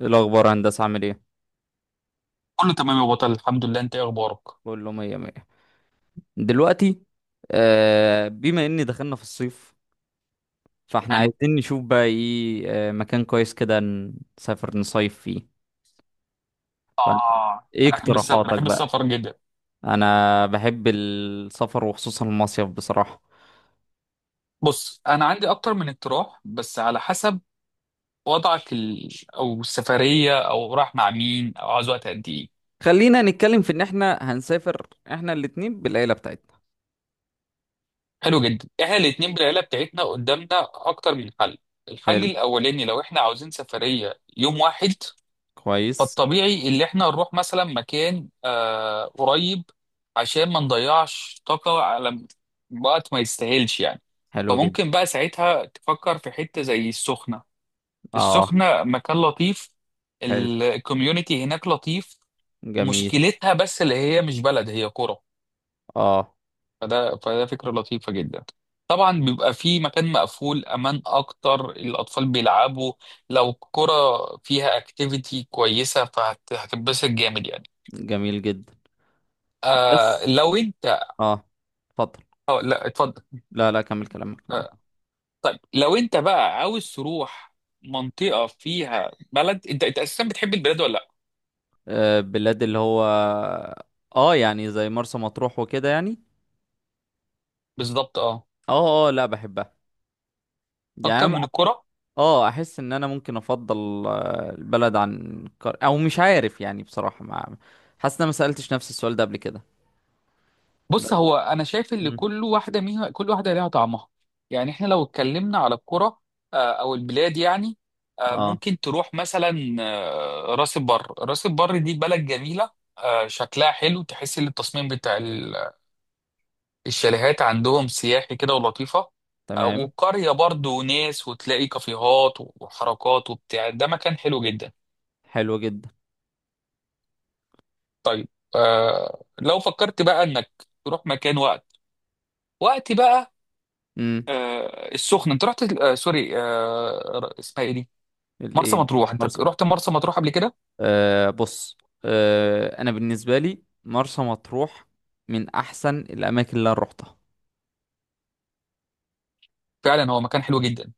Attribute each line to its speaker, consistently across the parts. Speaker 1: إيه الأخبار يا هندسة عامل ايه؟
Speaker 2: كله تمام يا بطل، الحمد لله. انت ايه اخبارك؟
Speaker 1: بقول له مية مية دلوقتي. بما إني دخلنا في الصيف، فاحنا
Speaker 2: حلو.
Speaker 1: عايزين نشوف بقى ايه، مكان كويس كده نسافر نصيف فيه. فأنت
Speaker 2: اه
Speaker 1: ايه
Speaker 2: انا بحب
Speaker 1: اقتراحاتك
Speaker 2: بحب
Speaker 1: بقى؟
Speaker 2: السفر جدا.
Speaker 1: أنا بحب السفر وخصوصا المصيف بصراحة.
Speaker 2: بص انا عندي اكتر من اقتراح بس على حسب وضعك او السفريه او رايح مع مين او عاوز وقت قد ايه؟
Speaker 1: خلينا نتكلم في إن احنا هنسافر، احنا الاتنين بالعيلة بتاعتنا.
Speaker 2: حلو جدا. احنا الاتنين بالعيله بتاعتنا قدامنا اكتر من حل. الحل
Speaker 1: حلو،
Speaker 2: الاولاني لو احنا عاوزين سفريه يوم واحد،
Speaker 1: كويس.
Speaker 2: فالطبيعي اللي احنا نروح مثلا مكان قريب عشان ما نضيعش طاقة على وقت ما يستاهلش يعني.
Speaker 1: حلو جدا.
Speaker 2: فممكن بقى ساعتها تفكر في حتة زي السخنة.
Speaker 1: اه.
Speaker 2: السخنة مكان لطيف،
Speaker 1: حلو،
Speaker 2: الكوميونتي هناك لطيف.
Speaker 1: جميل.
Speaker 2: مشكلتها بس اللي هي مش بلد، هي قرى.
Speaker 1: اه،
Speaker 2: فده فكرة لطيفة جدا. طبعا بيبقى في مكان مقفول، امان اكتر، الاطفال بيلعبوا لو قرى، فيها اكتيفيتي كويسة فهتتبسط جامد يعني.
Speaker 1: جميل جدا.
Speaker 2: آه
Speaker 1: بس،
Speaker 2: لو انت.
Speaker 1: اه اتفضل.
Speaker 2: اه لا اتفضل.
Speaker 1: لا لا، كمل كلامك
Speaker 2: آه
Speaker 1: معاك.
Speaker 2: طيب لو انت بقى عاوز تروح منطقة فيها بلد، انت اساسا بتحب البلاد ولا لا؟
Speaker 1: بلاد اللي هو، اه يعني زي مرسى مطروح وكده يعني.
Speaker 2: بالظبط اه.
Speaker 1: اه اه، لا بحبها.
Speaker 2: اكتر
Speaker 1: يعني
Speaker 2: من
Speaker 1: أنا-
Speaker 2: الكرة.
Speaker 1: اه احس ان انا ممكن افضل، البلد عن او مش عارف، يعني بصراحة ما حاسس ان انا ما سألتش نفس السؤال ده قبل كده.
Speaker 2: بص
Speaker 1: بس.
Speaker 2: هو انا شايف ان
Speaker 1: مم.
Speaker 2: كل واحدة منها، كل واحدة ليها طعمها. يعني احنا لو اتكلمنا على الكرة او البلاد يعني،
Speaker 1: اه.
Speaker 2: ممكن تروح مثلا راس البر. راس البر دي بلد جميلة، شكلها حلو، تحس ان التصميم بتاع الشاليهات عندهم سياحي كده ولطيفة.
Speaker 1: تمام.
Speaker 2: والقرية برضو ناس وتلاقي كافيهات وحركات وبتاع، ده مكان حلو جدا.
Speaker 1: حلو جدا.
Speaker 2: طيب، لو فكرت بقى انك تروح مكان وقت بقى.
Speaker 1: امم.
Speaker 2: السخنة انت رحت، سوري، اسمها ايه دي؟ مرسى
Speaker 1: الايه؟
Speaker 2: مطروح. انت
Speaker 1: مرسى مطروح.
Speaker 2: رحت مرسى مطروح قبل كده؟
Speaker 1: بص، انا بالنسبة لي مرسى مطروح من احسن الاماكن اللي انا روحتها.
Speaker 2: فعلا هو مكان حلو جدا.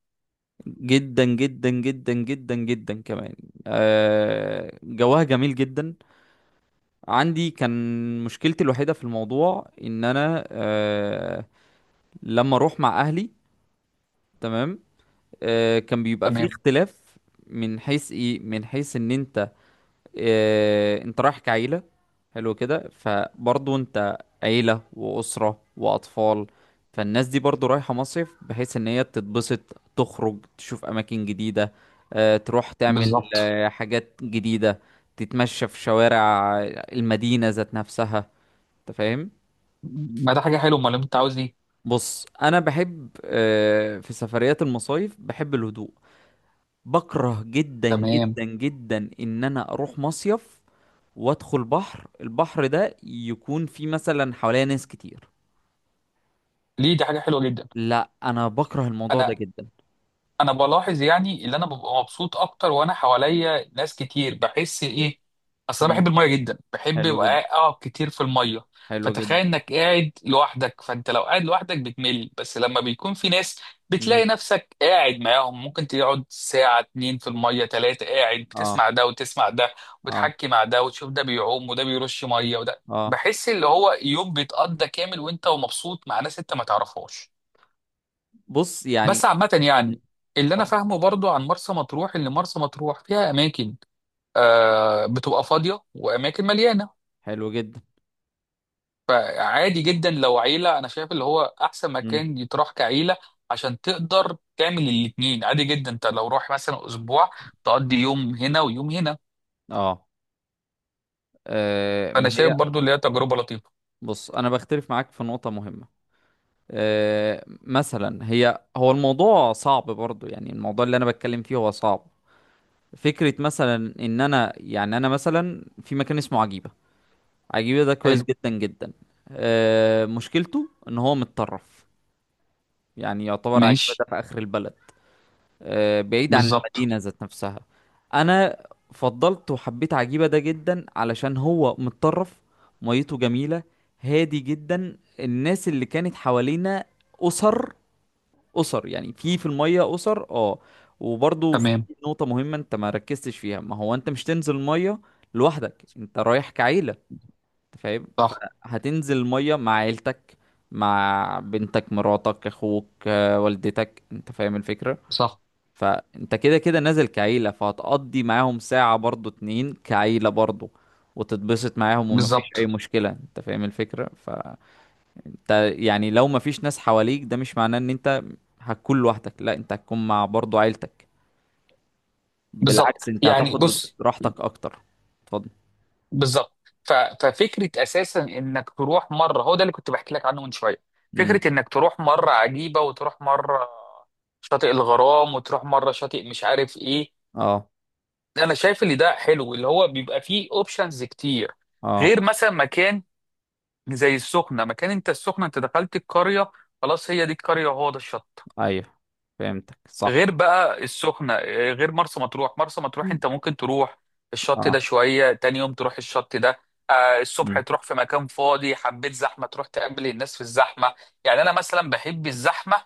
Speaker 1: جدا جدا جدا جدا جدا كمان. جوها جميل جدا. عندي كان مشكلتي الوحيدة في الموضوع ان انا، لما اروح مع اهلي. تمام. كان بيبقى فيه
Speaker 2: تمام.
Speaker 1: اختلاف من حيث من حيث ان انت، انت رايح كعيلة. حلو كده، فبرضه انت عيلة وأسرة وأطفال، فالناس دي برضه رايحة مصيف بحيث ان هي تتبسط، تخرج تشوف أماكن جديدة، تروح تعمل
Speaker 2: بالظبط.
Speaker 1: حاجات جديدة، تتمشى في شوارع المدينة ذات نفسها. انت فاهم.
Speaker 2: ما ده حاجة حلوة، امال انت عاوز ايه؟
Speaker 1: بص، انا بحب، في سفريات المصايف بحب الهدوء. بكره جدا
Speaker 2: تمام.
Speaker 1: جدا جدا ان انا اروح مصيف وادخل البحر ده يكون فيه مثلا حواليا ناس كتير.
Speaker 2: ليه؟ ده حاجة حلوة جدا.
Speaker 1: لا انا بكره الموضوع ده
Speaker 2: انا
Speaker 1: جدا.
Speaker 2: انا بلاحظ يعني اللي انا ببقى مبسوط اكتر وانا حواليا ناس كتير، بحس ايه؟ اصل انا
Speaker 1: مم.
Speaker 2: بحب الميه جدا، بحب
Speaker 1: حلو جدا.
Speaker 2: ابقى اقعد كتير في الميه.
Speaker 1: حلو
Speaker 2: فتخيل
Speaker 1: جدا.
Speaker 2: انك قاعد لوحدك، فانت لو قاعد لوحدك بتمل، بس لما بيكون في ناس
Speaker 1: مم.
Speaker 2: بتلاقي نفسك قاعد معاهم، ممكن تقعد ساعة اتنين في المية تلاتة قاعد
Speaker 1: اه.
Speaker 2: بتسمع ده وتسمع ده،
Speaker 1: اه.
Speaker 2: وتحكي مع ده وتشوف ده بيعوم وده بيرش مية وده،
Speaker 1: اه.
Speaker 2: بحس اللي هو يوم بيتقضى كامل وانت ومبسوط مع ناس انت ما تعرفهاش.
Speaker 1: بص
Speaker 2: بس
Speaker 1: يعني.
Speaker 2: عامة
Speaker 1: مم.
Speaker 2: يعني، اللي أنا
Speaker 1: اتفضل.
Speaker 2: فاهمه برضو عن مرسى مطروح إن مرسى مطروح فيها أماكن بتبقى فاضية وأماكن مليانة.
Speaker 1: حلو جدا.
Speaker 2: فعادي جدا لو عيلة، أنا شايف اللي هو أحسن
Speaker 1: مم.
Speaker 2: مكان يتراح كعيلة عشان تقدر تعمل الاتنين. عادي جدا أنت لو روح مثلا أسبوع تقضي يوم هنا ويوم هنا.
Speaker 1: اه.
Speaker 2: فأنا
Speaker 1: ما
Speaker 2: شايف
Speaker 1: هي.
Speaker 2: برضو اللي هي تجربة لطيفة.
Speaker 1: بص، انا بختلف معاك في نقطة مهمة. مثلا، هو الموضوع صعب برضو، يعني الموضوع اللي انا بتكلم فيه هو صعب. فكرة مثلا ان انا، يعني انا مثلا، في مكان اسمه عجيبة. عجيبة ده كويس
Speaker 2: حلو.
Speaker 1: جدا جدا. مشكلته ان هو متطرف، يعني يعتبر عجيبة
Speaker 2: ماشي.
Speaker 1: ده في اخر البلد، بعيد عن
Speaker 2: بالظبط.
Speaker 1: المدينة ذات نفسها. انا فضلت وحبيت عجيبة ده جدا علشان هو متطرف. ميته جميلة، هادي جدا. الناس اللي كانت حوالينا اسر، اسر، يعني في الميه اسر، اه. وبرضو في
Speaker 2: تمام.
Speaker 1: نقطه مهمه انت ما ركزتش فيها. ما هو انت مش تنزل الميه لوحدك، انت رايح كعيله، انت فاهم.
Speaker 2: صح.
Speaker 1: فهتنزل الميه مع عيلتك، مع بنتك، مراتك، اخوك، والدتك، انت فاهم الفكره.
Speaker 2: صح.
Speaker 1: فانت كده كده نازل كعيله، فهتقضي معاهم ساعه برضو اتنين كعيله برضو، وتتبسط معاهم، ومفيش اي
Speaker 2: بالظبط.
Speaker 1: مشكله، انت فاهم الفكره. انت يعني لو مفيش ناس حواليك، ده مش معناه ان انت هتكون لوحدك، لا، انت هتكون مع برضو عيلتك.
Speaker 2: بالظبط
Speaker 1: بالعكس، انت
Speaker 2: يعني
Speaker 1: هتاخد
Speaker 2: بص.
Speaker 1: راحتك اكتر. اتفضل.
Speaker 2: بالظبط. ففكره اساسا انك تروح مره، هو ده اللي كنت بحكي لك عنه من شويه. فكره
Speaker 1: امم.
Speaker 2: انك تروح مره عجيبه، وتروح مره شاطئ الغرام، وتروح مره شاطئ مش عارف ايه.
Speaker 1: اه.
Speaker 2: انا شايف اللي ده حلو، اللي هو بيبقى فيه اوبشنز كتير،
Speaker 1: اه.
Speaker 2: غير مثلا مكان زي السخنه. مكان انت، السخنه انت دخلت القريه، خلاص هي دي القريه وهو ده الشط.
Speaker 1: ايوه، فهمتك
Speaker 2: غير
Speaker 1: صح.
Speaker 2: بقى السخنة، غير مرسى مطروح. مرسى مطروح
Speaker 1: مم.
Speaker 2: انت ممكن تروح الشط ده
Speaker 1: اه.
Speaker 2: شوية، تاني يوم تروح الشط ده، الصبح
Speaker 1: امم.
Speaker 2: تروح في مكان فاضي، حبيت زحمة تروح تقابل الناس في الزحمة. يعني انا مثلا بحب الزحمة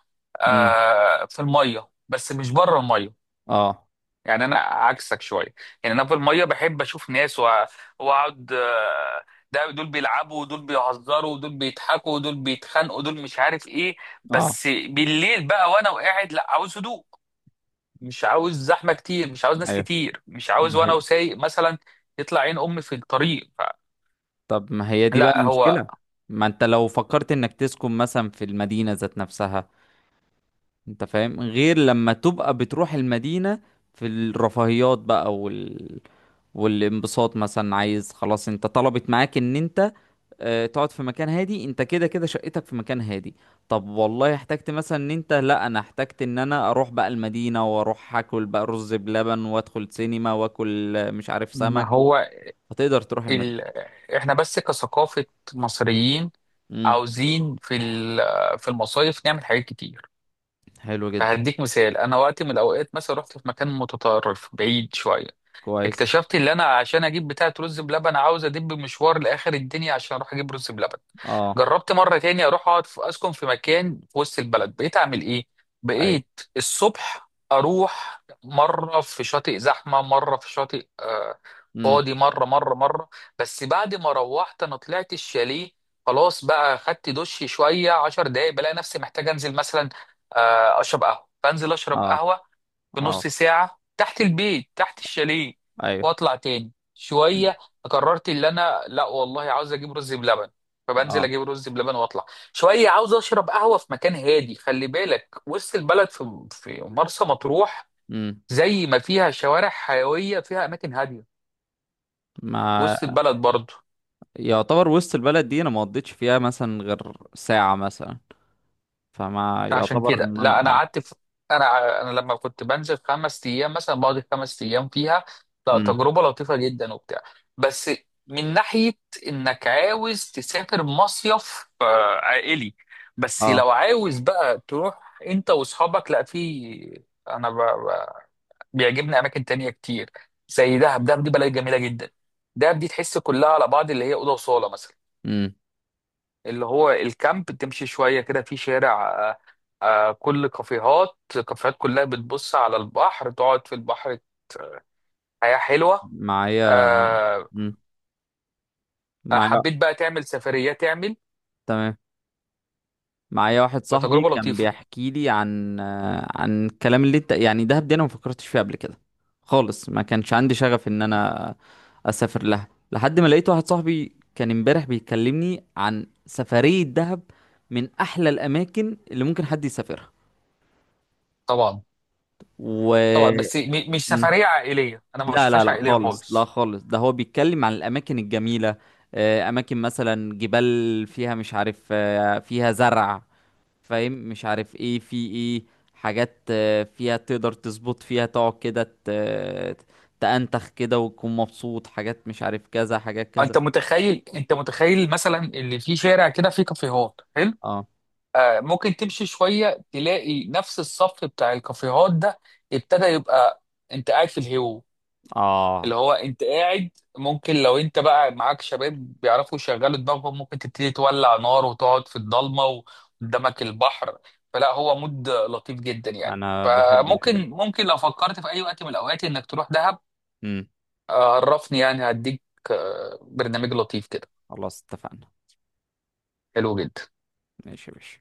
Speaker 1: امم.
Speaker 2: في المية بس مش بره المية.
Speaker 1: اه.
Speaker 2: يعني انا عكسك شوية. يعني انا في المية بحب اشوف ناس واقعد ده دول بيلعبوا ودول بيهزروا ودول بيضحكوا ودول بيتخانقوا ودول مش عارف ايه.
Speaker 1: اه.
Speaker 2: بس بالليل بقى وانا وقاعد، لا عاوز هدوء. مش عاوز زحمه كتير، مش عاوز ناس
Speaker 1: ايوه،
Speaker 2: كتير، مش عاوز
Speaker 1: ده
Speaker 2: وانا
Speaker 1: حقيقي.
Speaker 2: وسايق مثلا يطلع عين امي في الطريق.
Speaker 1: طب، ما هي دي بقى
Speaker 2: لا هو.
Speaker 1: المشكلة. ما انت لو فكرت انك تسكن مثلا في المدينة ذات نفسها، انت فاهم، غير لما تبقى بتروح المدينة في الرفاهيات بقى والانبساط. مثلا، عايز خلاص، انت طلبت معاك ان انت اه تقعد في مكان هادي، انت كده كده شقتك في مكان هادي. طب، والله احتجت مثلا ان انت، لا انا احتجت ان انا اروح بقى المدينة، واروح اكل بقى رز بلبن، وادخل سينما، واكل، مش عارف،
Speaker 2: ما
Speaker 1: سمك
Speaker 2: هو
Speaker 1: فتقدر تروح المدينة.
Speaker 2: ال... احنا بس كثقافه مصريين
Speaker 1: امم.
Speaker 2: عاوزين في في المصايف نعمل حاجات كتير.
Speaker 1: حلو جدا،
Speaker 2: فهديك مثال. انا وقت من الاوقات مثلا رحت في مكان متطرف بعيد شويه،
Speaker 1: كويس.
Speaker 2: اكتشفت ان انا عشان اجيب بتاعه رز بلبن عاوز ادب مشوار لاخر الدنيا عشان اروح اجيب رز بلبن.
Speaker 1: اه.
Speaker 2: جربت مره تاني اروح اقعد في، اسكن في مكان في وسط البلد. بقيت اعمل ايه؟
Speaker 1: ايوه.
Speaker 2: بقيت الصبح اروح مره في شاطئ زحمه، مره في شاطئ
Speaker 1: امم.
Speaker 2: فاضي، مره مره مره. بس بعد ما روحت انا طلعت الشاليه، خلاص بقى، خدت دش شويه 10 دقايق، بلاقي نفسي محتاج انزل مثلا اشرب قهوه، فانزل اشرب
Speaker 1: اه.
Speaker 2: قهوه.
Speaker 1: اه.
Speaker 2: بنص ساعة تحت البيت، تحت الشاليه،
Speaker 1: ايوه.
Speaker 2: واطلع تاني
Speaker 1: مم.
Speaker 2: شوية. قررت اللي انا لا والله عاوز اجيب رز بلبن، فبنزل
Speaker 1: اه.
Speaker 2: اجيب رز بلبن واطلع شوية، عاوز اشرب قهوة في مكان هادي. خلي بالك وسط البلد في مرسى مطروح
Speaker 1: مم.
Speaker 2: زي ما فيها شوارع حيوية فيها اماكن هادية.
Speaker 1: ما
Speaker 2: وسط البلد برضه.
Speaker 1: يعتبر وسط البلد دي انا ما قضيتش فيها مثلا غير ساعة مثلا، فما
Speaker 2: عشان
Speaker 1: يعتبر
Speaker 2: كده
Speaker 1: ان انا
Speaker 2: لا انا قعدت في، انا لما كنت بنزل خمس ايام مثلا، بقعد خمس ايام فيها. لا،
Speaker 1: امم.
Speaker 2: تجربه لطيفه جدا وبتاع، بس من ناحيه انك عاوز تسافر مصيف عائلي. بس
Speaker 1: اه.
Speaker 2: لو عاوز بقى تروح انت واصحابك، لا، في انا ب... ب... بيعجبني اماكن تانية كتير زي دهب. دهب دي بلد جميله جدا. دهب دي تحس كلها على بعض اللي هي اوضه وصاله مثلا،
Speaker 1: امم.
Speaker 2: اللي هو الكامب. تمشي شوية كده في شارع كل كافيهات. كافيهات كلها بتبص على البحر، تقعد في البحر، حياة حلوة.
Speaker 1: معايا.
Speaker 2: آه،
Speaker 1: امم. معايا.
Speaker 2: حبيت بقى تعمل سفريات تعمل
Speaker 1: تمام. معايا واحد صاحبي
Speaker 2: فتجربة
Speaker 1: كان
Speaker 2: لطيفة.
Speaker 1: بيحكي لي عن الكلام اللي انت، يعني، دهب دي انا ما فكرتش فيها قبل كده خالص، ما كانش عندي شغف ان انا اسافر لها، لحد ما لقيت واحد صاحبي كان امبارح بيكلمني عن سفرية دهب، من احلى الاماكن اللي ممكن حد يسافرها
Speaker 2: طبعا.
Speaker 1: و
Speaker 2: طبعا بس مش سفرية عائلية. أنا ما
Speaker 1: لا لا
Speaker 2: بشوفهاش
Speaker 1: لا،
Speaker 2: عائلية
Speaker 1: خالص، لا
Speaker 2: خالص.
Speaker 1: خالص، ده هو بيتكلم عن الأماكن الجميلة، أماكن مثلا جبال فيها، مش عارف، فيها زرع، فاهم، مش عارف ايه في ايه، حاجات، فيها تقدر تظبط، فيها تقعد كده تأنتخ كده وتكون مبسوط، حاجات، مش عارف كذا، حاجات كذا.
Speaker 2: أنت متخيل مثلا اللي في شارع كده فيه كافيهات حلو.
Speaker 1: اه.
Speaker 2: ممكن تمشي شوية تلاقي نفس الصف بتاع الكافيهات ده، ابتدى يبقى أنت قاعد في
Speaker 1: اه.
Speaker 2: اللي هو انت قاعد. ممكن لو انت بقى معاك شباب بيعرفوا يشغلوا دماغهم، ممكن تبتدي تولع نار وتقعد في الضلمه وقدامك البحر، فلا هو مود لطيف جدا يعني،
Speaker 1: انا بحب الحاجات
Speaker 2: فممكن
Speaker 1: دي.
Speaker 2: ممكن لو فكرت في اي وقت من الاوقات انك تروح دهب.
Speaker 1: امم.
Speaker 2: عرفني يعني هديك برنامج لطيف كده.
Speaker 1: خلاص اتفقنا.
Speaker 2: حلو جدا.
Speaker 1: ماشي يا باشا.